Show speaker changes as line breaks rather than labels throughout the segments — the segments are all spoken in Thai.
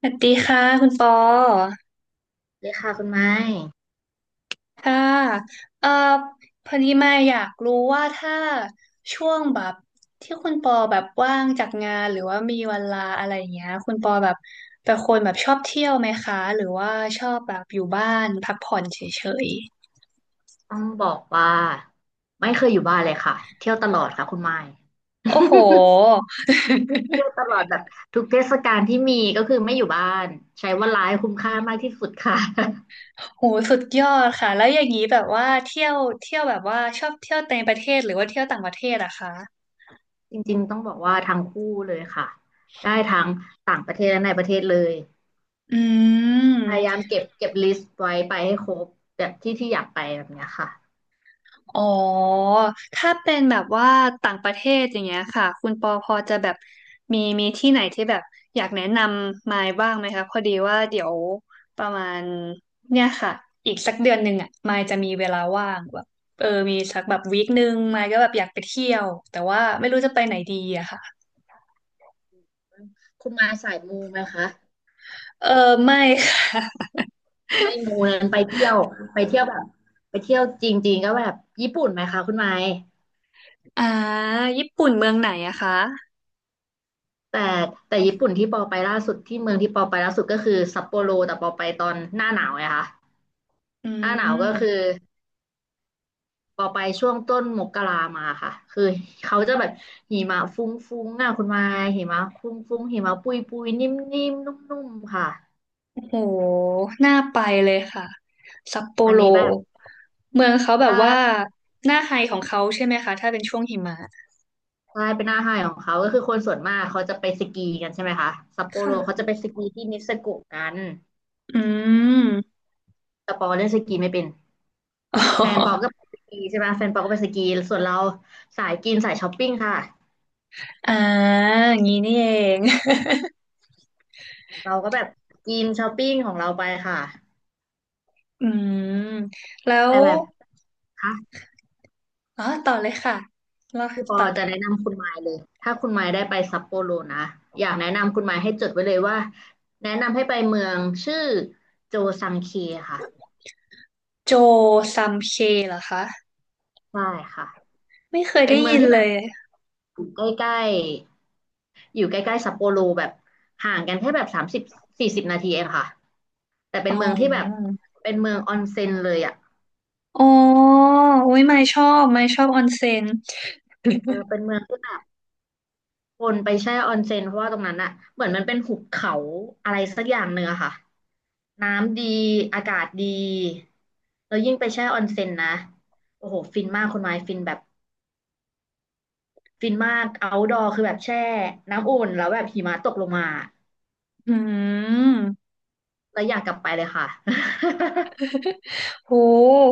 สวัสดีค่ะคุณปอ
เลยค่ะคุณไม้
ค่ะเอ่อพอดีมาอยากรู้ว่าถ้าช่วงแบบที่คุณปอแบบว่างจากงานหรือว่ามีเวลาอะไรอย่างเงี้ยคุณปอแบบเป็นคนแบบชอบเที่ยวไหมคะหรือว่าชอบแบบอยู่บ้านพักผ่อนเฉย
ต้องบอกว่าไม่เคยอยู่บ้านเลยค่ะเที่ยวตลอดค่ะคุณไม้
ๆโอ้โห
เที่ยวตลอดแบบทุกเทศกาลที่มีก็คือไม่อยู่บ้านใช้เวลาให้คุ้มค่ามากที่สุดค่ะ
โหสุดยอดค่ะแล้วอย่างนี้แบบว่าเที่ยวแบบว่าชอบเที่ยวในประเทศหรือว่าเที่ยวต่างประเทศอะคะ
จริงๆต้องบอกว่าทั้งคู่เลยค่ะได้ทั้งต่างประเทศและในประเทศเลย
อื
พยา
ม
ยามเก็บลิสต์ไว้ไปให้ครบแบบที่ที่อยากไปแบบเนี้ยค่ะ
อ๋อ ถ้าเป็นแบบว่าต่างประเทศอย่างเงี้ยค่ะ คุณปอพอจะแบบมีที่ไหนที่แบบอยากแนะนำมายบ้างไหมคะพอดีว่าเดี๋ยวประมาณเนี่ยค่ะอีกสักเดือนหนึ่งอ่ะมายจะมีเวลาว่างแบบเออมีสักแบบวีคหนึ่งมายก็แบบอยากไปเที่ยวแต่ว่าไม่รู้จะไปไหนดีอะค่ะ
คุณไมาสายมูไหมคะ
เออไม่ค่ะ
ไม่มูนั้นไปเที่ยวแบบไปเที่ยวจริงๆก็แบบญี่ปุ่นไหมคะคุณไมค
อ่าญี่ปุ่นเมืองไหนอะคะ
แต่แต่ญี่ปุ่นที่เมืองที่ปอไปล่าสุดก็คือซัปโปโรแต่ปอไปตอนหน้าหนาวไงคะ
อื
หน้าหนาวก็
ม
คือปอไปช่วงต้นมกรามาค่ะคือเขาจะแบบหิมะฟุ้งๆอ่ะคุณมายหิมะฟุ้งๆหิมะปุยๆนิ่มๆนุ่มนุ่มๆค่ะ
โหน่าไปเลยค่ะซัปโป
อัน
โร
นี้แบบ
เมืองเขาแบบ
ถ้า
ว่าหน้าไฮของเขาใช่ไหมคะถ้าเป็นช่วงหิมะ
ถ้าเป็นหน้าไฮของเขาก็คือคนส่วนมากเขาจะไปสกีกันใช่ไหมคะซัปโปโรเขา
ค่ะ
จะไปสกีที่นิเซโกะกัน
อืม
แต่ปอเล่นสกีไม่เป็น
อ๋
แฟนปอก็
อ
ไปสกีใช่ไหมแฟนปอก็ไปสกีส่วนเราสายกินสายช้อปปิ้งค่ะ
อ่าอย่างนี้นี่เอง
เราก็แบบกินช้อปปิ้งของเราไปค่ะ
อืมแล้
แต่
ว
แบบคะ
อ๋อต่อเลยค่ะแล้ว
พี่ปอ
ต่อเล
จะแนะ
ย
นำคุณไมล์เลยถ้าคุณไมล์ได้ไปซัปโปโรนะอยากแนะนำคุณไมล์ให้จดไว้เลยว่าแนะนำให้ไปเมืองชื่อโจซังเคค่ะ
โจซัมเคเหรอคะ
ใช่ค่ะ
ไม่เคย
เป็น
ได้
เมือง
ยิน
ที่แบ
เล
บ
ย
อยู่ใกล้ๆอยู่ใกล้ๆซัปโปโรแบบห่างกันแค่แบบ30-40 นาทีเองค่ะแต่เป็
อ๋
น
อ
เมืองที่แบบเป็นเมืองออนเซ็นเลยอ่ะ
อ๋ออุ้ยไม่ชอบไม่ชอบออนเซ็น
เออเป็นเมืองที่แบบคนไปแช่ออนเซ็นเพราะว่าตรงนั้นอะเหมือนมันเป็นหุบเขาอะไรสักอย่างเนื้อะค่ะน้ำดีอากาศดีแล้วยิ่งไปแช่ออนเซ็นนะโอ้โหฟินมากคุณไม้ฟินแบบฟินมากเอาท์ดอร์คือแบบแช่น้ำอุ่นแล้วแบบหิมะตกลงมา
อืม
แล้วอยากกลับไปเลยค่ะ
โห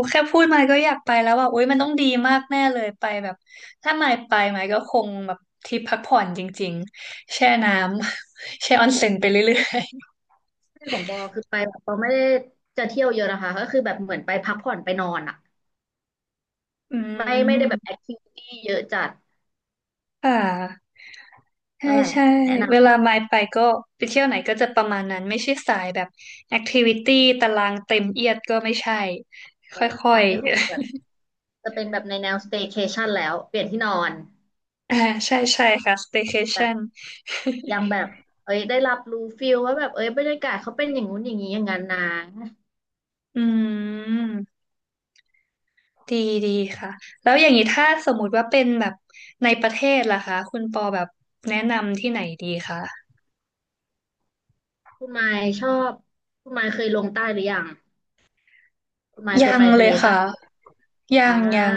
แค่พูดมาก็อยากไปแล้วว่าโอ๊ยมันต้องดีมากแน่เลยไปแบบถ้าไม่ไปไหมายก็คงแบบทริปพักผ่อนจริงๆแช่น้ำ แช่ออนเซ็นไปเรื่อย
ที่ของบอคือไปแบบเราไม่ได้จะเที่ยวเยอะนะคะก็คือแบบเหมือนไปพักผ่อนไปนอนอะ
ๆ อื
ไม่
ม
ได้แบบแอคทิวิตี้เยอะจัด
ค่ะใช่
ก็แบบ
ใช่
แนะน
เวลาไม่ไปก็ไปเที่ยวไหนก็จะประมาณนั้นไม่ใช่สายแบบแอคทิวิตี้ตารางเต็มเอียดก็ไม่ใช่
ำเลย
ค่อ
ตอ
ย
นนี้ของบอแบบ จะเป็นแบบในแนว staycation แล้วเปลี่ยนที่นอน
ๆ อ่าใช่ใช่ค่ะ
แบ
staycation
บยังแบบเอ้ยได้รับรู้ฟิลว่าแบบเอ้ยบรรยากาศเขาเป็นอย่างงู้นอย่างนี้อย่างนั้นนะ
อืม ดีดีค่ะแล้วอย่างนี้ถ้าสมมุติว่าเป็นแบบในประเทศล่ะคะคุณปอแบบแนะนำที่ไหนดีคะ
คุณไมค์ชอบคุณไมค์เคยลงใต้หรือยังคุณไมค์เค
ยั
ย
ง
ไป
เล
ทะเล
ย
ใต้
ค่ะ
หรือยัง
ยั
อ่า
งยัง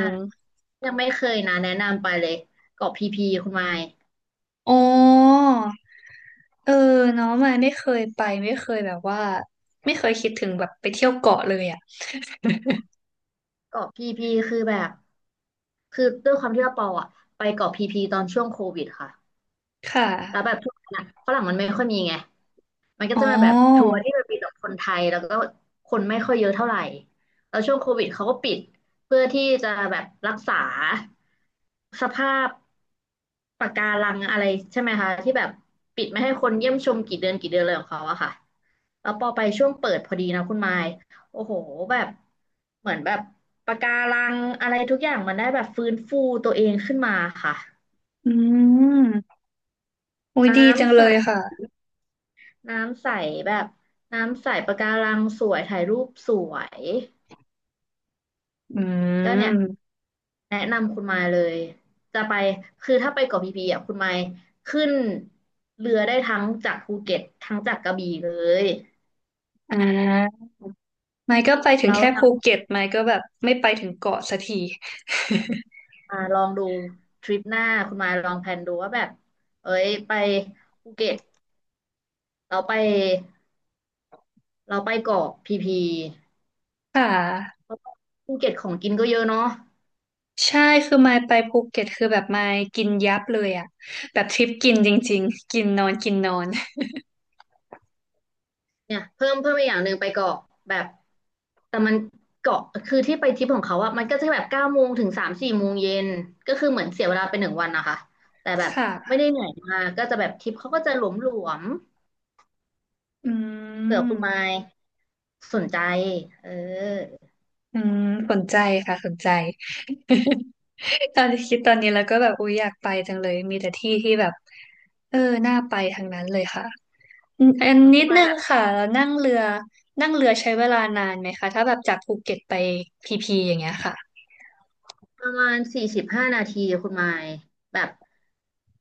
ยังไม่เคยนะแนะนำไปเลยเกาะพีพีคุณไมค์
อ๋อเออเนาะมาไม่เคยไปไม่เคยแบบว่าไม่เคยคิดถึงแบบไปเที่ยวเกาะเลยอ่ะ
เกาะพีพีคือแบบคือด้วยความที่ว่าปออะไปเกาะพีพีตอนช่วงโควิดค่ะ
ค่
แล้วแบ
ะ
บช่วงนั้นอะฝรั่งมันไม่ค่อยมีไง มันก็
อ๋อ
จะเป็นแบบทัวร์ที่มันมีแต่คนไทยแล้วก็คนไม่ค่อยเยอะเท่าไหร่แล้วช่วงโควิดเขาก็ปิดเพื่อที่จะแบบรักษาสภาพปะการังอะไรใช่ไหมคะที่แบบปิดไม่ให้คนเยี่ยมชมกี่เดือนเลยของเขาอะค่ะแล้วพอไปช่วงเปิดพอดีนะคุณไมค์โอ้โหแบบเหมือนแบบปะการังอะไรทุกอย่างมันได้แบบฟื้นฟูตัวเองขึ้นมาค่ะ
อืมอุ้ย
น้
ดีจัง
ำใส
เลยค่ะ
น้ำใสแบบน้ำใสปะการังสวยถ่ายรูปสวย
อื
ก็เนี่ย
ม
แนะนำคุณมายเลยจะไปคือถ้าไปเกาะพีพีอ่ะคุณมายขึ้นเรือได้ทั้งจากภูเก็ตทั้งจากกระบี่เลย
อ่าไม่ก็ไปถึง
แล้ว
แค่ภู
ทำม
เก็ตไม่ก็แบบไม่ไปถึงเกาะสักที
าลองดูทริปหน้าคุณมายลองแพลนดูว่าแบบเอ้ยไปภูเก็ตเราไปเราไปเกาะพีพี
ค่ะ
เพราะว่าภูเก็ตของกินก็เยอะเนาะ
ใช่คือมายไปภูเก็ตคือแบบมายกินยับเลยอะแบบทริปกินจริงๆกินนอนกินนอน
เนี่ยเพิ่มอีกอย่างหนึ่งไปเกาะแบบแต่มันเกาะคือที่ไปทริปของเขาอะมันก็จะแบบ9 โมงถึง3-4 โมงเย็นก็คือเหมือนเสียเวลาไป1 วันนะคะแต่แบบไม่
ค่ะ
ได้เหนื่อยมากก็จะแบบทริปเขาก็จะหลวม
อื
ๆเผื่อคุณไม
ม
ค์สนใจเออ
อืมสนใจค่ะสนใจ ตอนที่คิดตอนนี้แล้วก็แบบอุ๊ยอยากไปจังเลยมีแต่ที่ที่แบบเออน่าไปทางนั้นเลยค่ะอืมอัน
แล้ว
นิ
คุณ
ด
ไม
นึ
ค์แบ
ง
บ
ค่ะแล้วนั่งเรือนั่งเรือใช้เวลานานไหมคะถ้าแบบจากภูเก็ตไปพีพีอย่างเงี้ยค่ะ
ประมาณ45 นาทีคุณไมค์แบบ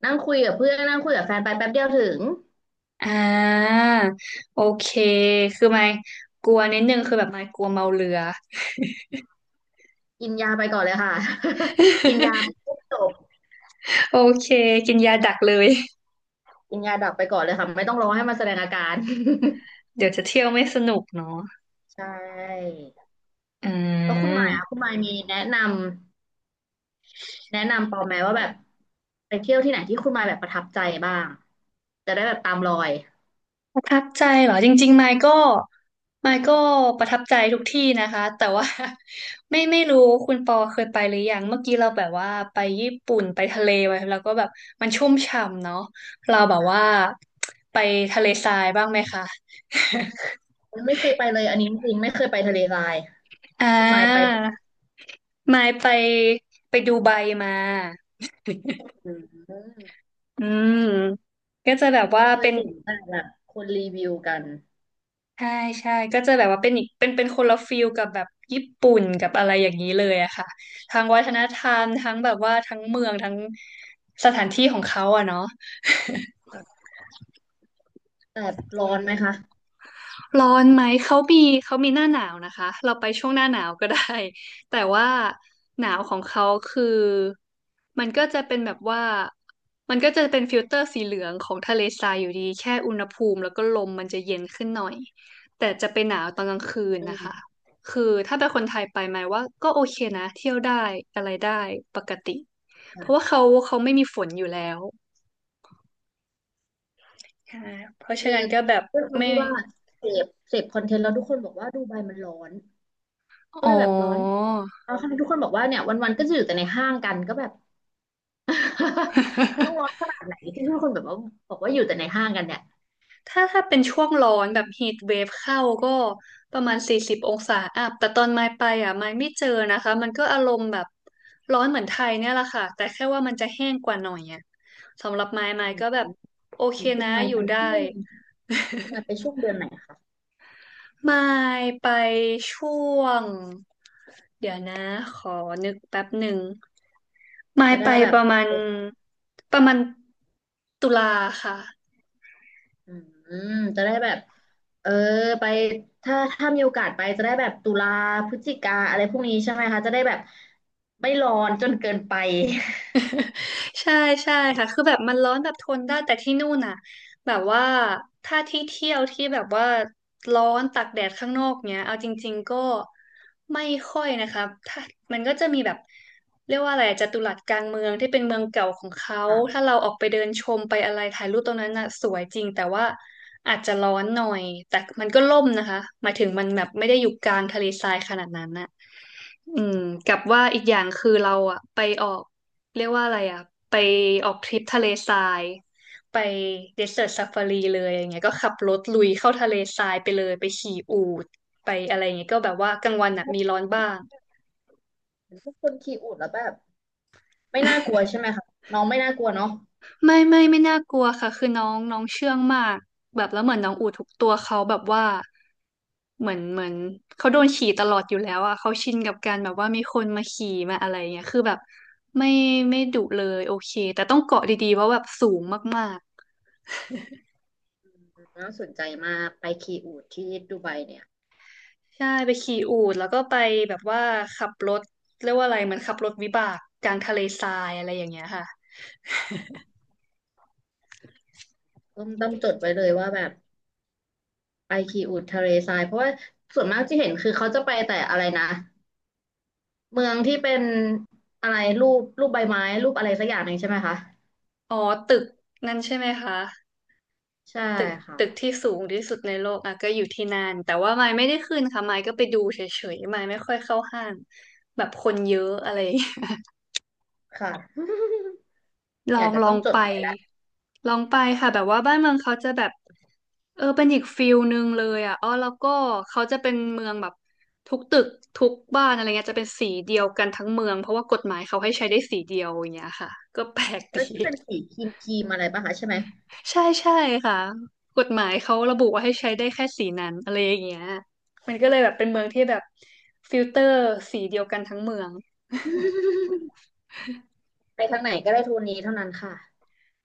นั่งคุยกับเพื่อนนั่งคุยกับแฟนไปแป๊บเดียวถึง
อ่าโอเคคือไม่กลัวนิดนึงคือแบบไม่กลัวเมาเรือ
กินยาไปก่อนเลยค่ะ กินยา ปุ๊บจบ
โอเคกินยาดักเลย
กินยาดับไปก่อนเลยค่ะไม่ต้องรอให้มันแสดงอาการ
เดี๋ยวจะเที่ยวไม่สนุกเนาะ
ใช่
อ่
แล้ว
า
คุณหมายมีแนะนำแนะนำปอไหมว่าแบบไปเที่ยวที่ไหนที่คุณหมายแบบประทับใจบ้างจะได้แบบตามรอย
ประทับใจเหรอจริงๆไมค์ก็ประทับใจทุกที่นะคะแต่ว่า ไม่รู้คุณปอเคยไปหรือยังเมื่อกี้เราแบบว่าไปญี่ปุ่นไปทะเลไปแล้วก็แบบมันชุ่มฉ่ำเนาะเราแบบ
อ่ะ
ว่าไปทะเลทรายบ้างไหมคะ
ไม่เคยไปเลยอันนี้จริงๆไม่เคยไปทะเลทราย
อ่
คุณหมายไป
า มายไปไปดูไบมา
อืม
อืมก็จะแบบว่า
เคย
เป็น
เห็นแต่แบบคนรีวิวกัน
ใช่ใช่ก็จะแบบว่าเป็นอีกเป็นคนละฟิลกับแบบญี่ปุ่นกับอะไรอย่างนี้เลยอะค่ะทางวัฒนธรรมทั้งแบบว่าทั้งเมืองทั้งสถานที่ของเขาอะเนาะ
แต่ร้อนไหมคะ
ร้อนไหมเขามีหน้าหนาวนะคะเราไปช่วงหน้าหนาวก็ได้ แต่ว่าหนาวของเขาคือมันก็จะเป็นแบบว่ามันก็จะเป็นฟิลเตอร์สีเหลืองของทะเลทรายอยู่ดีแค่อุณหภูมิแล้วก็ลมมันจะเย็นขึ้นหน่อยแต่จะไปหนาวตอนกลางคืน
อื
นะคะ
ม
คือถ้าเป็นคนไทยไปไหมายว่าก็โอเคนะเที่ยวได้อะไรได้ปกติเพราะว่า
ค่ะ
เขาไม่มีฝนอยู่แล้วใช่เพราะฉะ
คือ
นั้นก็แบบ
ด้วยความ
ไม่
ที่ว่าเสพคอนเทนต์แล้วทุกคนบอกว่าดูไบมันร้อนก็
อ๋อ
เลยแบบร้อน แล้วคณะทุกคนบอกว่าเนี่ยวันๆก็จะอยู่แต่ในห้างกันก็แบบ มันต้องร้อนขนาดไหนที่ทุกคนแบบว่าบอกว่าอยู่แต่ในห้างกันเนี่ย
ถ้าเป็นช่วงร้อนแบบ heat wave เวฟเข้าก็ประมาณ40องศาอัพแต่ตอนมายไปอ่ะมายไม่เจอนะคะมันก็อารมณ์แบบร้อนเหมือนไทยเนี่ยแหละค่ะแต่แค่ว่ามันจะแห้งกว่าหน่อยอ่ะสำหรับมาย
อื
ก็แบ
ม
บโอเค
คุณ
นะ
มาย
อยู่
ไป
ได้
ช่วงคุณมายไปช่วงเดือนไหนคะ
มายไปช่วงเดี๋ยวนะขอนึกแป๊บหนึ่งมาย
จะได้
ไป
แบ
ป
บ
ระ
ไป
มาณประมาณตุลาค่ะ
อืมจะได้แบบเออไปถ้ามีโอกาสไปจะได้แบบตุลาพฤศจิกาอะไรพวกนี้ใช่ไหมคะจะได้แบบไม่ร้อนจนเกินไป
ใช่ใช่ค่ะคือแบบมันร้อนแบบทนได้แต่ที่นู่นน่ะแบบว่าถ้าที่เที่ยวที่แบบว่าร้อนตากแดดข้างนอกเนี้ยเอาจริงๆก็ไม่ค่อยนะคะถ้ามันก็จะมีแบบเรียกว่าอะไรอะจัตุรัสกลางเมืองที่เป็นเมืองเก่าของเขา
ค่ะ
ถ้าเราออกไปเดินชมไปอะไรถ่ายรูปตรงนั้นน่ะสวยจริงแต่ว่าอาจจะร้อนหน่อยแต่มันก็ร่มนะคะหมายถึงมันแบบไม่ได้อยู่กลางทะเลทรายขนาดนั้นน่ะอืมกับว่าอีกอย่างคือเราอะไปออก เรียกว่าอะไรอ่ะไปออกทริปทะเลทรายไปเดสเ e ิร์ a ซ a ฟารีเลยอย่างเงี้ยก็ขับรถลุยเข้าทะเลทรายไปเลยไปขี่อูฐไปอะไรอย่างเงี้ยก็แบบว่ากลางวันอ่ะมีร้อนบ้าง
ทุกคนขีอูดแล้วแบบไม่น่ากลัวใช่ไหมคะน้องไม่น่ากลัวเนาะ
ไม่น่ากลัวค่ะคือน้องน้องเชื่องมากแบบแล้วเหมือนน้องอูทุกตัวเขาแบบว่าเหมือนเขาโดนขี่ตลอดอยู่แล้วอ่ะเขาชินกับการแบบว่ามีคนมาขี่มาอะไรเงี้ยคือแบบไม่ไม่ดุเลยโอเคแต่ต้องเกาะดีๆเพราะแบบสูงมากๆ
น่าสนใจมากไปขีอูดที่ดูไบเนี่ย
ใช่ไปขี่อูฐแล้วก็ไปแบบว่าขับรถเรียกว่าอะไรเหมือนขับรถวิบากกลางทะเลทรายอะไรอย่างเงี้ยค่ะ
ต้องจดไว้เลยว่าแบบไปคีอูดทะเลทรายเพราะว่าส่วนมากที่เห็นคือเขาจะไปแต่อะไรนะเมืองที่เป็นอะไรรูปใบไม้รูปอะไรสักอย่างหนึ่งใช่ไหมคะ
อ๋อตึกนั่นใช่ไหมคะ
ใช่
ตึกตึก
ค่ะ
ที่สูงที่สุดในโลกอ่ะก็อยู่ที่นั่นแต่ว่าไมค์ไม่ได้ขึ้นค่ะไมค์ก็ไปดูเฉยๆไมค์ไม่ค่อยเข้าห้างแบบคนเยอะอะไรอย่างเงี้ย
ค่ะ
ล อ
อยาก
ง
จะ
ลอ
ต้อ
ง
งจ
ไป
ดไว้แล้ว
ลองไปค่ะแบบว่าบ้านเมืองเขาจะแบบ เออเป็นอีกฟิลหนึ่งเลยอ่ะอ๋อแล้วก็เขาจะเป็นเมืองแบบทุกตึกทุกบ้านอะไรเงี้ยจะเป็นสีเดียวกันทั้งเมืองเพราะว่ากฎหมายเขาให้ใช้ได้สีเดียวอย่างเงี้ยค่ะก็แปลก
เอ
ดี
อที่เป็นสีครีมอะไรป่ะคะใช่ไหม
ใช่ค่ะกฎหมายเขาระบุว่าให้ใช้ได้แค่สีนั้นอะไรอย่างเงี้ยมันก็เลยแบบเป็นเมืองที่แบบฟิลเตอร์สีเดียวกันทั้งเมือง
ไปทางไหนก็ได้โทนนี้เท่านั้นค่ะ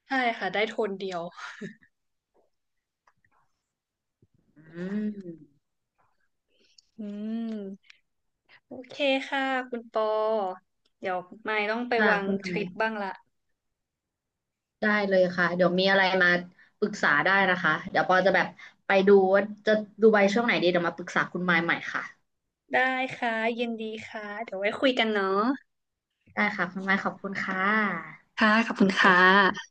ใช่ค่ะได้โทนเดียว
อืม
อืมโอเคค่ะคุณปอเดี๋ยวไม่ต้องไป
ค่ะ
วาง
คุณ
ท
นา
ริ
ย
ปบ้างละ
ได้เลยค่ะเดี๋ยวมีอะไรมาปรึกษาได้นะคะเดี๋ยวปอจะแบบไปดูว่าจะดูใบช่วงไหนดีเดี๋ยวมาปรึกษาคุณมายใหม่ค่ะ
ได้ค่ะยินดีค่ะเดี๋ยวไว้คุยกันเนาะ
ได้ค่ะคุณไม้ขอบคุณค่ะ
ค่ะขอบคุ
ส
ณ
วัสดี
ค่
ค่ะ
ะ